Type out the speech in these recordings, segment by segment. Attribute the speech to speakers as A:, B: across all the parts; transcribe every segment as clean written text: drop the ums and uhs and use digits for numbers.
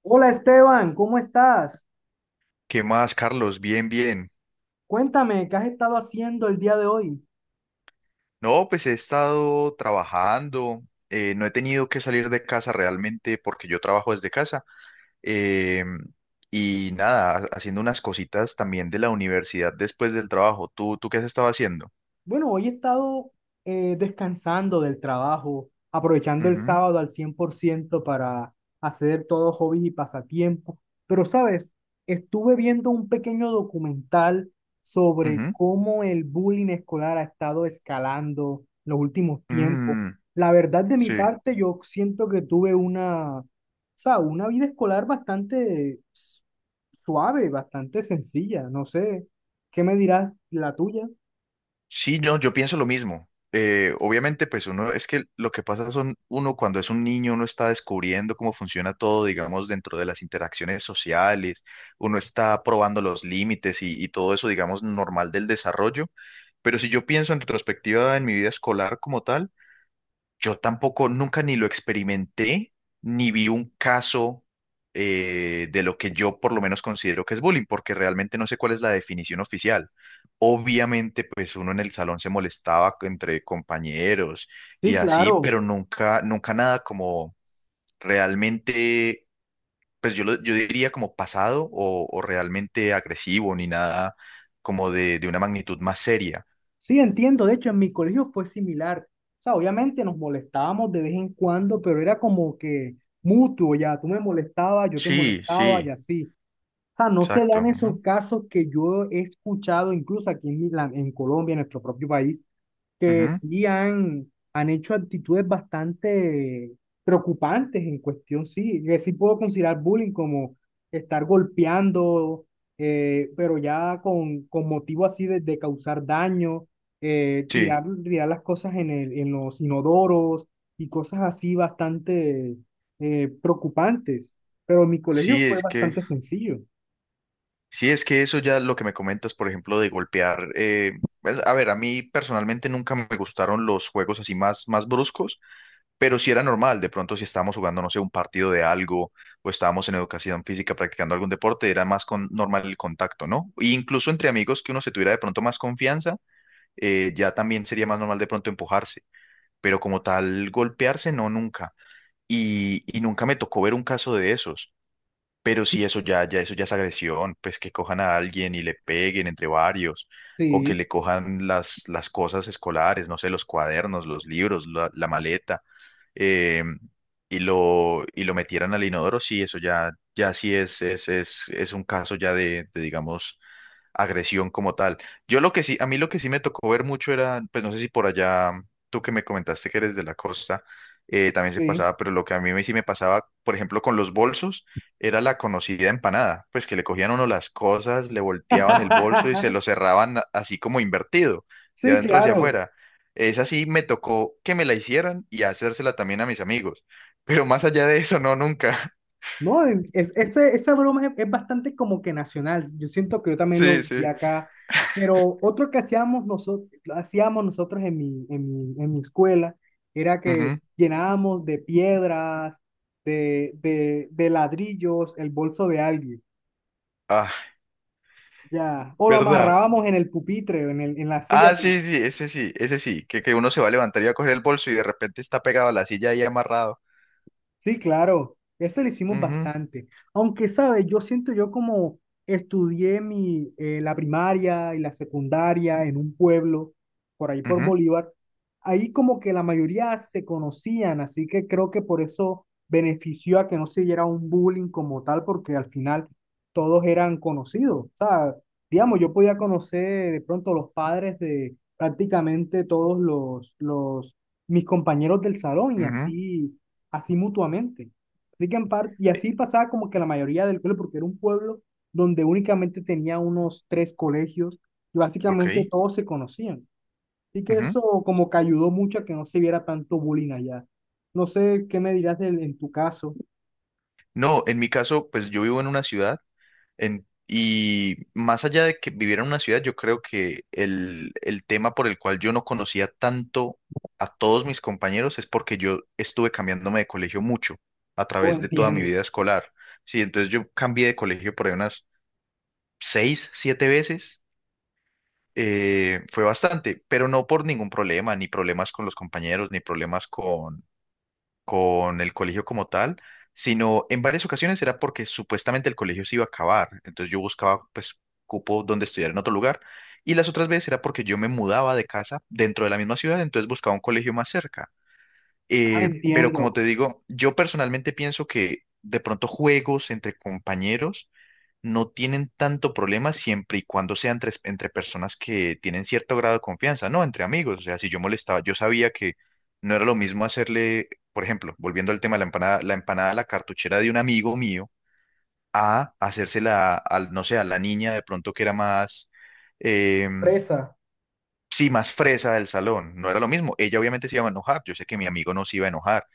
A: Hola Esteban, ¿cómo estás?
B: ¿Qué más, Carlos? Bien, bien.
A: Cuéntame, ¿qué has estado haciendo el día de hoy?
B: No, pues he estado trabajando, no he tenido que salir de casa realmente porque yo trabajo desde casa. eh, y nada, haciendo unas cositas también de la universidad después del trabajo. ¿Tú qué has estado haciendo?
A: Bueno, hoy he estado descansando del trabajo, aprovechando el
B: Ujú,
A: sábado al 100% para hacer todos hobbies y pasatiempos. Pero, ¿sabes? Estuve viendo un pequeño documental sobre
B: ujú,
A: cómo el bullying escolar ha estado escalando en los últimos tiempos.
B: mm,
A: La verdad, de mi
B: sí.
A: parte, yo siento que tuve una, o sea, una vida escolar bastante suave, bastante sencilla. No sé, ¿qué me dirás la tuya?
B: Sí, no, yo pienso lo mismo. Obviamente, pues uno, es que lo que pasa son, uno cuando es un niño, uno está descubriendo cómo funciona todo, digamos, dentro de las interacciones sociales, uno está probando los límites y todo eso, digamos, normal del desarrollo. Pero si yo pienso en retrospectiva en mi vida escolar como tal, yo tampoco, nunca ni lo experimenté, ni vi un caso de lo que yo por lo menos considero que es bullying, porque realmente no sé cuál es la definición oficial. Obviamente, pues uno en el salón se molestaba entre compañeros
A: Sí,
B: y así,
A: claro.
B: pero nunca, nunca nada como realmente, pues yo, yo diría como pasado o realmente agresivo, ni nada como de una magnitud más seria.
A: Sí, entiendo. De hecho, en mi colegio fue similar. O sea, obviamente nos molestábamos de vez en cuando, pero era como que mutuo ya. Tú me molestabas, yo te
B: Sí,
A: molestaba y
B: sí,
A: así sea, no se
B: exacto.
A: dan
B: Ujú,
A: esos casos que yo he escuchado, incluso aquí en, en Colombia, en nuestro propio país, que
B: ujú.
A: sí han, han hecho actitudes bastante preocupantes en cuestión, sí, que sí puedo considerar bullying como estar golpeando, pero ya con motivo así de causar daño,
B: Sí,
A: tirar las cosas en el, en los inodoros y cosas así bastante preocupantes. Pero en mi
B: sí,
A: colegio fue
B: es que...
A: bastante sencillo.
B: Sí, es que eso ya lo que me comentas, por ejemplo, de golpear. Pues, a ver, a mí personalmente nunca me gustaron los juegos así más, más bruscos, pero sí era normal. De pronto, si estábamos jugando, no sé, un partido de algo o estábamos en educación física practicando algún deporte, era más normal el contacto, ¿no? E incluso entre amigos que uno se tuviera de pronto más confianza, ya también sería más normal de pronto empujarse, pero como tal, golpearse, no, nunca. Y nunca me tocó ver un caso de esos. Pero si eso ya es agresión, pues que cojan a alguien y le peguen entre varios, o que
A: Sí,
B: le cojan las cosas escolares, no sé, los cuadernos, los libros, la maleta, eh, y lo metieran al inodoro, sí, eso ya, sí es un caso ya de, digamos, agresión como tal. Yo lo que sí, a mí lo que sí me tocó ver mucho era, pues no sé si por allá, tú que me comentaste que eres de la costa, también se
A: sí.
B: pasaba, pero lo que a mí sí me pasaba, por ejemplo, con los bolsos, era la conocida empanada, pues que le cogían a uno las cosas, le volteaban el bolso y se lo cerraban así como invertido, de
A: Sí,
B: adentro hacia
A: claro.
B: afuera. Esa sí me tocó que me la hicieran y hacérsela también a mis amigos. Pero más allá de eso, no, nunca.
A: No, esa broma es bastante como que nacional. Yo siento que yo también lo
B: Sí,
A: vi
B: sí.
A: acá. Pero otro que hacíamos nosotros en mi escuela era que
B: Ujú.
A: llenábamos de piedras, de ladrillos, el bolso de alguien.
B: Ah,
A: Ya. O lo
B: ¿verdad?
A: amarrábamos en el pupitre, en la silla.
B: Ah, sí, sí, ese sí, ese sí, que uno se va a levantar y va a coger el bolso y de repente está pegado a la silla ahí amarrado.
A: Sí, claro, ese lo hicimos
B: Ujú,
A: bastante. Aunque, ¿sabes? Yo siento yo como estudié mi, la primaria y la secundaria en un pueblo, por ahí por
B: ujú,
A: Bolívar, ahí como que la mayoría se conocían, así que creo que por eso benefició a que no se diera un bullying como tal, porque al final todos eran conocidos. O sea, digamos, yo podía conocer de pronto los padres de prácticamente los mis compañeros del salón y
B: ujú,
A: así así mutuamente. Así que en parte, y
B: eh,
A: así pasaba como que la mayoría del pueblo, porque era un pueblo donde únicamente tenía unos tres colegios y
B: ok.
A: básicamente todos se conocían. Así que
B: Ujú.
A: eso como que ayudó mucho a que no se viera tanto bullying allá. No sé qué me dirás en tu caso.
B: No, en mi caso, pues yo vivo en una ciudad y más allá de que viviera en una ciudad, yo creo que el tema por el cual yo no conocía tanto a todos mis compañeros es porque yo estuve cambiándome de colegio mucho a
A: Oh,
B: través de toda mi
A: entiendo.
B: vida escolar. Sí, entonces yo cambié de colegio por ahí unas seis, siete veces fue bastante, pero no por ningún problema, ni problemas con los compañeros, ni problemas con el colegio como tal, sino en varias ocasiones era porque supuestamente el colegio se iba a acabar, entonces yo buscaba pues cupo donde estudiar en otro lugar, y las otras veces era porque yo me mudaba de casa dentro de la misma ciudad, entonces buscaba un colegio más cerca.
A: Ah,
B: Pero como
A: entiendo.
B: te digo, yo personalmente pienso que de pronto juegos entre compañeros no tienen tanto problema siempre y cuando sean entre personas que tienen cierto grado de confianza, no entre amigos. O sea, si yo molestaba, yo sabía que no era lo mismo hacerle, por ejemplo, volviendo al tema de la empanada a la cartuchera de un amigo mío, a hacérsela al, no sé, a la niña de pronto que era más, eh,
A: Presa.
B: sí, más fresa del salón. No era lo mismo. Ella obviamente se iba a enojar. Yo sé que mi amigo no se iba a enojar.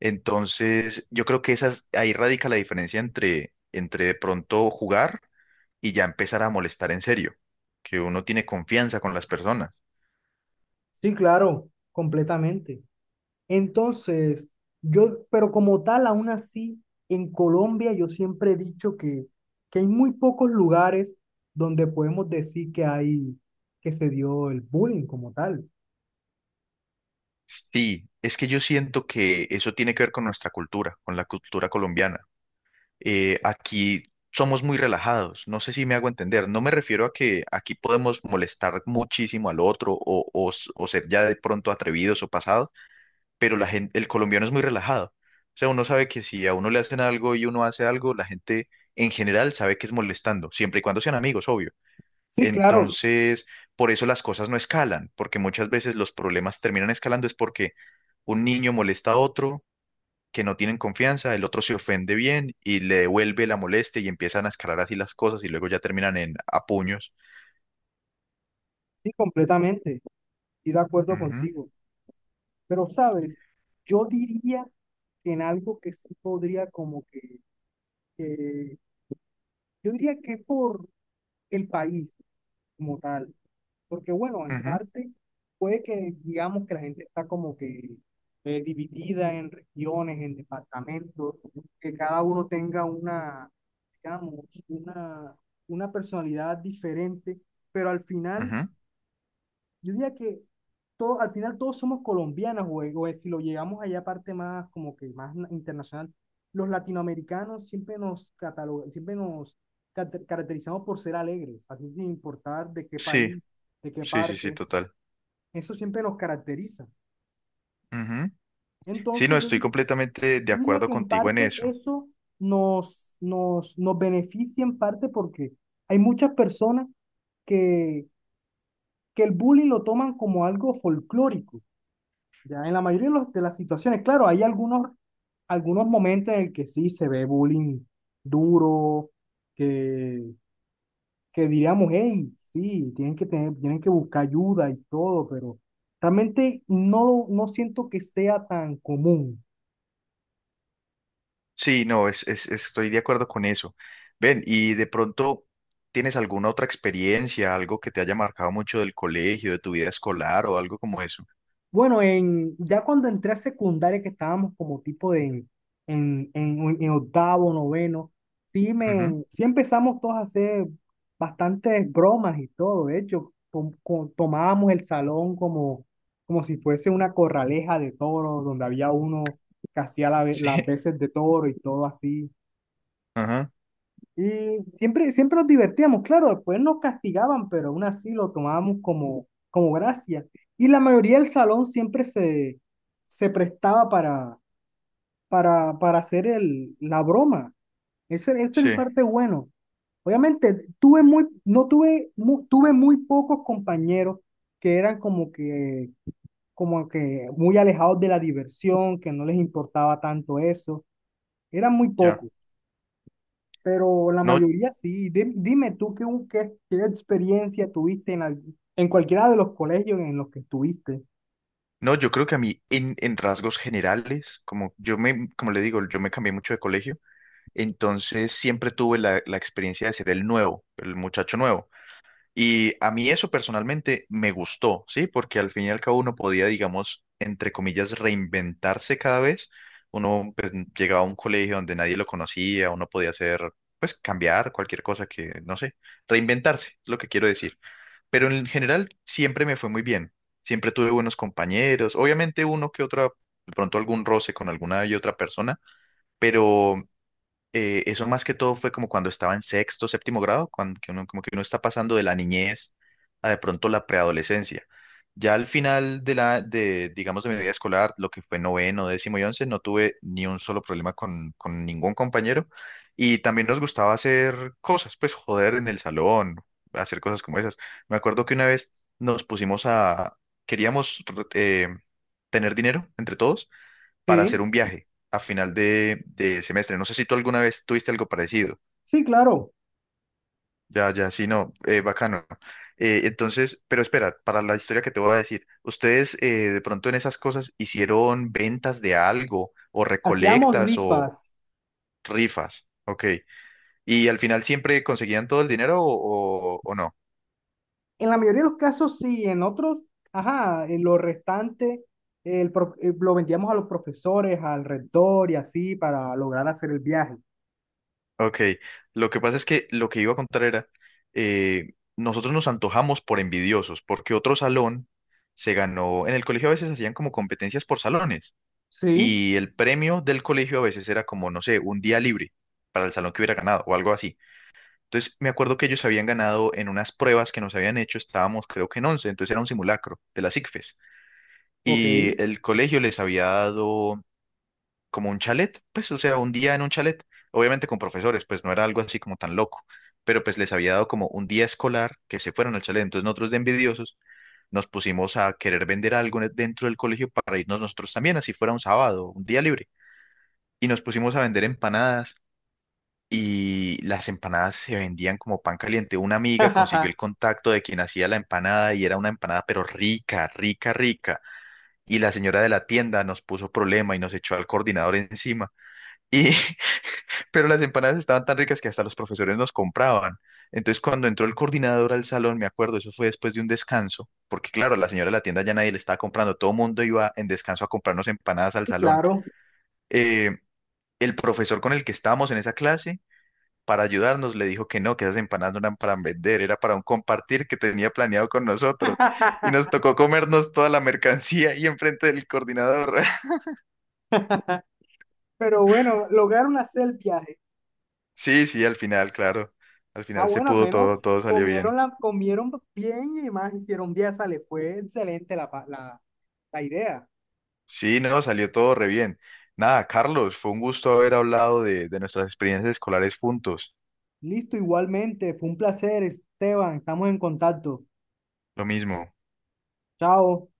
B: Entonces, yo creo que esas, ahí radica la diferencia entre, entre de pronto jugar y ya empezar a molestar en serio, que uno tiene confianza con las personas.
A: Sí, claro, completamente. Entonces, yo, pero como tal, aún así, en Colombia yo siempre he dicho que hay muy pocos lugares donde podemos decir que hay, que se dio el bullying como tal.
B: Sí, es que yo siento que eso tiene que ver con nuestra cultura, con la cultura colombiana. Aquí somos muy relajados, no sé si me hago entender, no me refiero a que aquí podemos molestar muchísimo al otro o ser ya de pronto atrevidos o pasados, pero la gente, el colombiano es muy relajado. O sea, uno sabe que si a uno le hacen algo y uno hace algo, la gente en general sabe que es molestando, siempre y cuando sean amigos, obvio.
A: Sí, claro,
B: Entonces, por eso las cosas no escalan, porque muchas veces los problemas terminan escalando es porque un niño molesta a otro que no tienen confianza, el otro se ofende bien y le devuelve la molestia y empiezan a escalar así las cosas y luego ya terminan en a puños.
A: sí, completamente, y de acuerdo
B: Ujú,
A: contigo. Pero, ¿sabes? Yo diría que en algo que sí podría como que, que- yo diría que por el país como tal. Porque bueno, en
B: ujú,
A: parte puede que digamos que la gente está como que dividida en regiones, en departamentos, que cada uno tenga una, digamos, una, una personalidad diferente, pero al final,
B: ujú.
A: yo diría que todo, al final todos somos colombianos, o si lo llegamos allá aparte más como que más internacional, los latinoamericanos siempre nos catalogan, siempre nos caracterizamos por ser alegres, así sin importar de qué
B: Sí,
A: país, de qué
B: sí, sí, sí,
A: parte.
B: total.
A: Eso siempre nos caracteriza.
B: Ujú. Sí, no,
A: Entonces, yo,
B: estoy
A: yo
B: completamente de
A: diría
B: acuerdo
A: que en
B: contigo en
A: parte
B: eso.
A: eso nos, nos, nos beneficia en parte porque hay muchas personas que, que el bullying lo toman como algo folclórico, ya en la mayoría de, de las situaciones. Claro, hay algunos, algunos momentos en el que sí se ve bullying duro, que, que diríamos, hey, sí, tienen que tener, tienen que buscar ayuda y todo, pero realmente no, no siento que sea tan común.
B: Sí, no, estoy de acuerdo con eso. Ven, y de pronto, ¿tienes alguna otra experiencia, algo que te haya marcado mucho del colegio, de tu vida escolar o algo como eso?
A: Bueno, en, ya cuando entré a secundaria, que estábamos como tipo de, en octavo, noveno, sí,
B: Ujú.
A: me, sí empezamos todos a hacer bastantes bromas y todo. De hecho, tomábamos el salón como, como si fuese una corraleja de toros, donde había uno que hacía la las
B: Sí,
A: veces de toro y todo así.
B: ajá,
A: Y siempre, siempre nos divertíamos, claro, después nos castigaban, pero aún así lo tomábamos como, como gracia. Y la mayoría del salón siempre se, se prestaba para hacer el, la broma. Ese es
B: sí,
A: el parte bueno. Obviamente, tuve muy, no tuve, mu- tuve muy pocos compañeros que eran como que muy alejados de la diversión, que no les importaba tanto eso. Eran muy
B: ya.
A: pocos pero la
B: No,
A: mayoría sí. Dime tú qué, qué, qué experiencia tuviste en, en cualquiera de los colegios en los que estuviste.
B: no, yo creo que a mí en rasgos generales, como yo me, como le digo, yo me cambié mucho de colegio, entonces siempre tuve la experiencia de ser el nuevo, el muchacho nuevo. Y a mí eso personalmente me gustó, ¿sí? Porque al fin y al cabo uno podía, digamos, entre comillas, reinventarse cada vez. Uno pues, llegaba a un colegio donde nadie lo conocía, uno podía hacer, pues, cambiar cualquier cosa que, no sé, reinventarse, es lo que quiero decir. Pero en general siempre me fue muy bien. Siempre tuve buenos compañeros. Obviamente uno que otra, de pronto algún roce con alguna y otra persona, pero eso más que todo fue como cuando estaba en sexto, séptimo grado, cuando que uno, como que uno está pasando de la niñez a de pronto la preadolescencia. Ya al final de, digamos, de mi vida escolar, lo que fue noveno, décimo y once, no tuve ni un solo problema con ningún compañero. Y también nos gustaba hacer cosas, pues joder en el salón, hacer cosas como esas. Me acuerdo que una vez nos pusimos a, queríamos eh, tener dinero entre todos para hacer
A: Sí,
B: un viaje a final de semestre. No sé si tú alguna vez tuviste algo parecido.
A: sí, claro.
B: Ya, ya, sí, no, bacano. Entonces, pero espera, para la historia que te voy a decir, ¿ustedes de pronto en esas cosas hicieron ventas de algo o
A: Hacíamos
B: recolectas o
A: rifas.
B: rifas? Ok. ¿Y al final siempre conseguían todo el dinero o no?
A: En la mayoría de los casos sí, en otros, ajá, en lo restante lo vendíamos a los profesores, al rector y así para lograr hacer el viaje.
B: Ok, lo que pasa es que lo que iba a contar era, nosotros nos antojamos por envidiosos, porque otro salón se ganó, en el colegio a veces hacían como competencias por salones,
A: Sí,
B: y el premio del colegio a veces era como, no sé, un día libre para el salón que hubiera ganado o algo así. Entonces me acuerdo que ellos habían ganado en unas pruebas que nos habían hecho, estábamos creo que en 11, entonces era un simulacro de las ICFES,
A: ok.
B: y el colegio les había dado como un chalet, pues, o sea, un día en un chalet, obviamente con profesores, pues no era algo así como tan loco, pero pues les había dado como un día escolar que se fueron al chalet, entonces nosotros de envidiosos nos pusimos a querer vender algo dentro del colegio para irnos nosotros también, así fuera un sábado, un día libre, y nos pusimos a vender empanadas. Y las empanadas se vendían como pan caliente. Una amiga consiguió el contacto de quien hacía la empanada y era una empanada pero rica, rica, rica. Y la señora de la tienda nos puso problema y nos echó al coordinador encima. Y, pero las empanadas estaban tan ricas que hasta los profesores nos compraban. Entonces, cuando entró el coordinador al salón, me acuerdo, eso fue después de un descanso, porque claro, la señora de la tienda ya nadie le estaba comprando, todo el mundo iba en descanso a comprarnos empanadas al
A: Sí,
B: salón.
A: claro.
B: Eh, el profesor con el que estábamos en esa clase, para ayudarnos, le dijo que no, que esas empanadas no eran para vender, era para un compartir que tenía planeado con nosotros. Y nos tocó comernos toda la mercancía ahí enfrente del coordinador.
A: Pero bueno, lograron hacer el viaje.
B: Sí, sí, al final, claro, al
A: Ah,
B: final se
A: bueno, al
B: pudo
A: menos
B: todo, todo salió bien.
A: comieron bien y más hicieron viaza. Le fue excelente la idea.
B: Sí, no, salió todo re bien. Nada, Carlos, fue un gusto haber hablado de nuestras experiencias escolares juntos.
A: Listo, igualmente. Fue un placer, Esteban. Estamos en contacto.
B: Lo mismo.
A: Chao.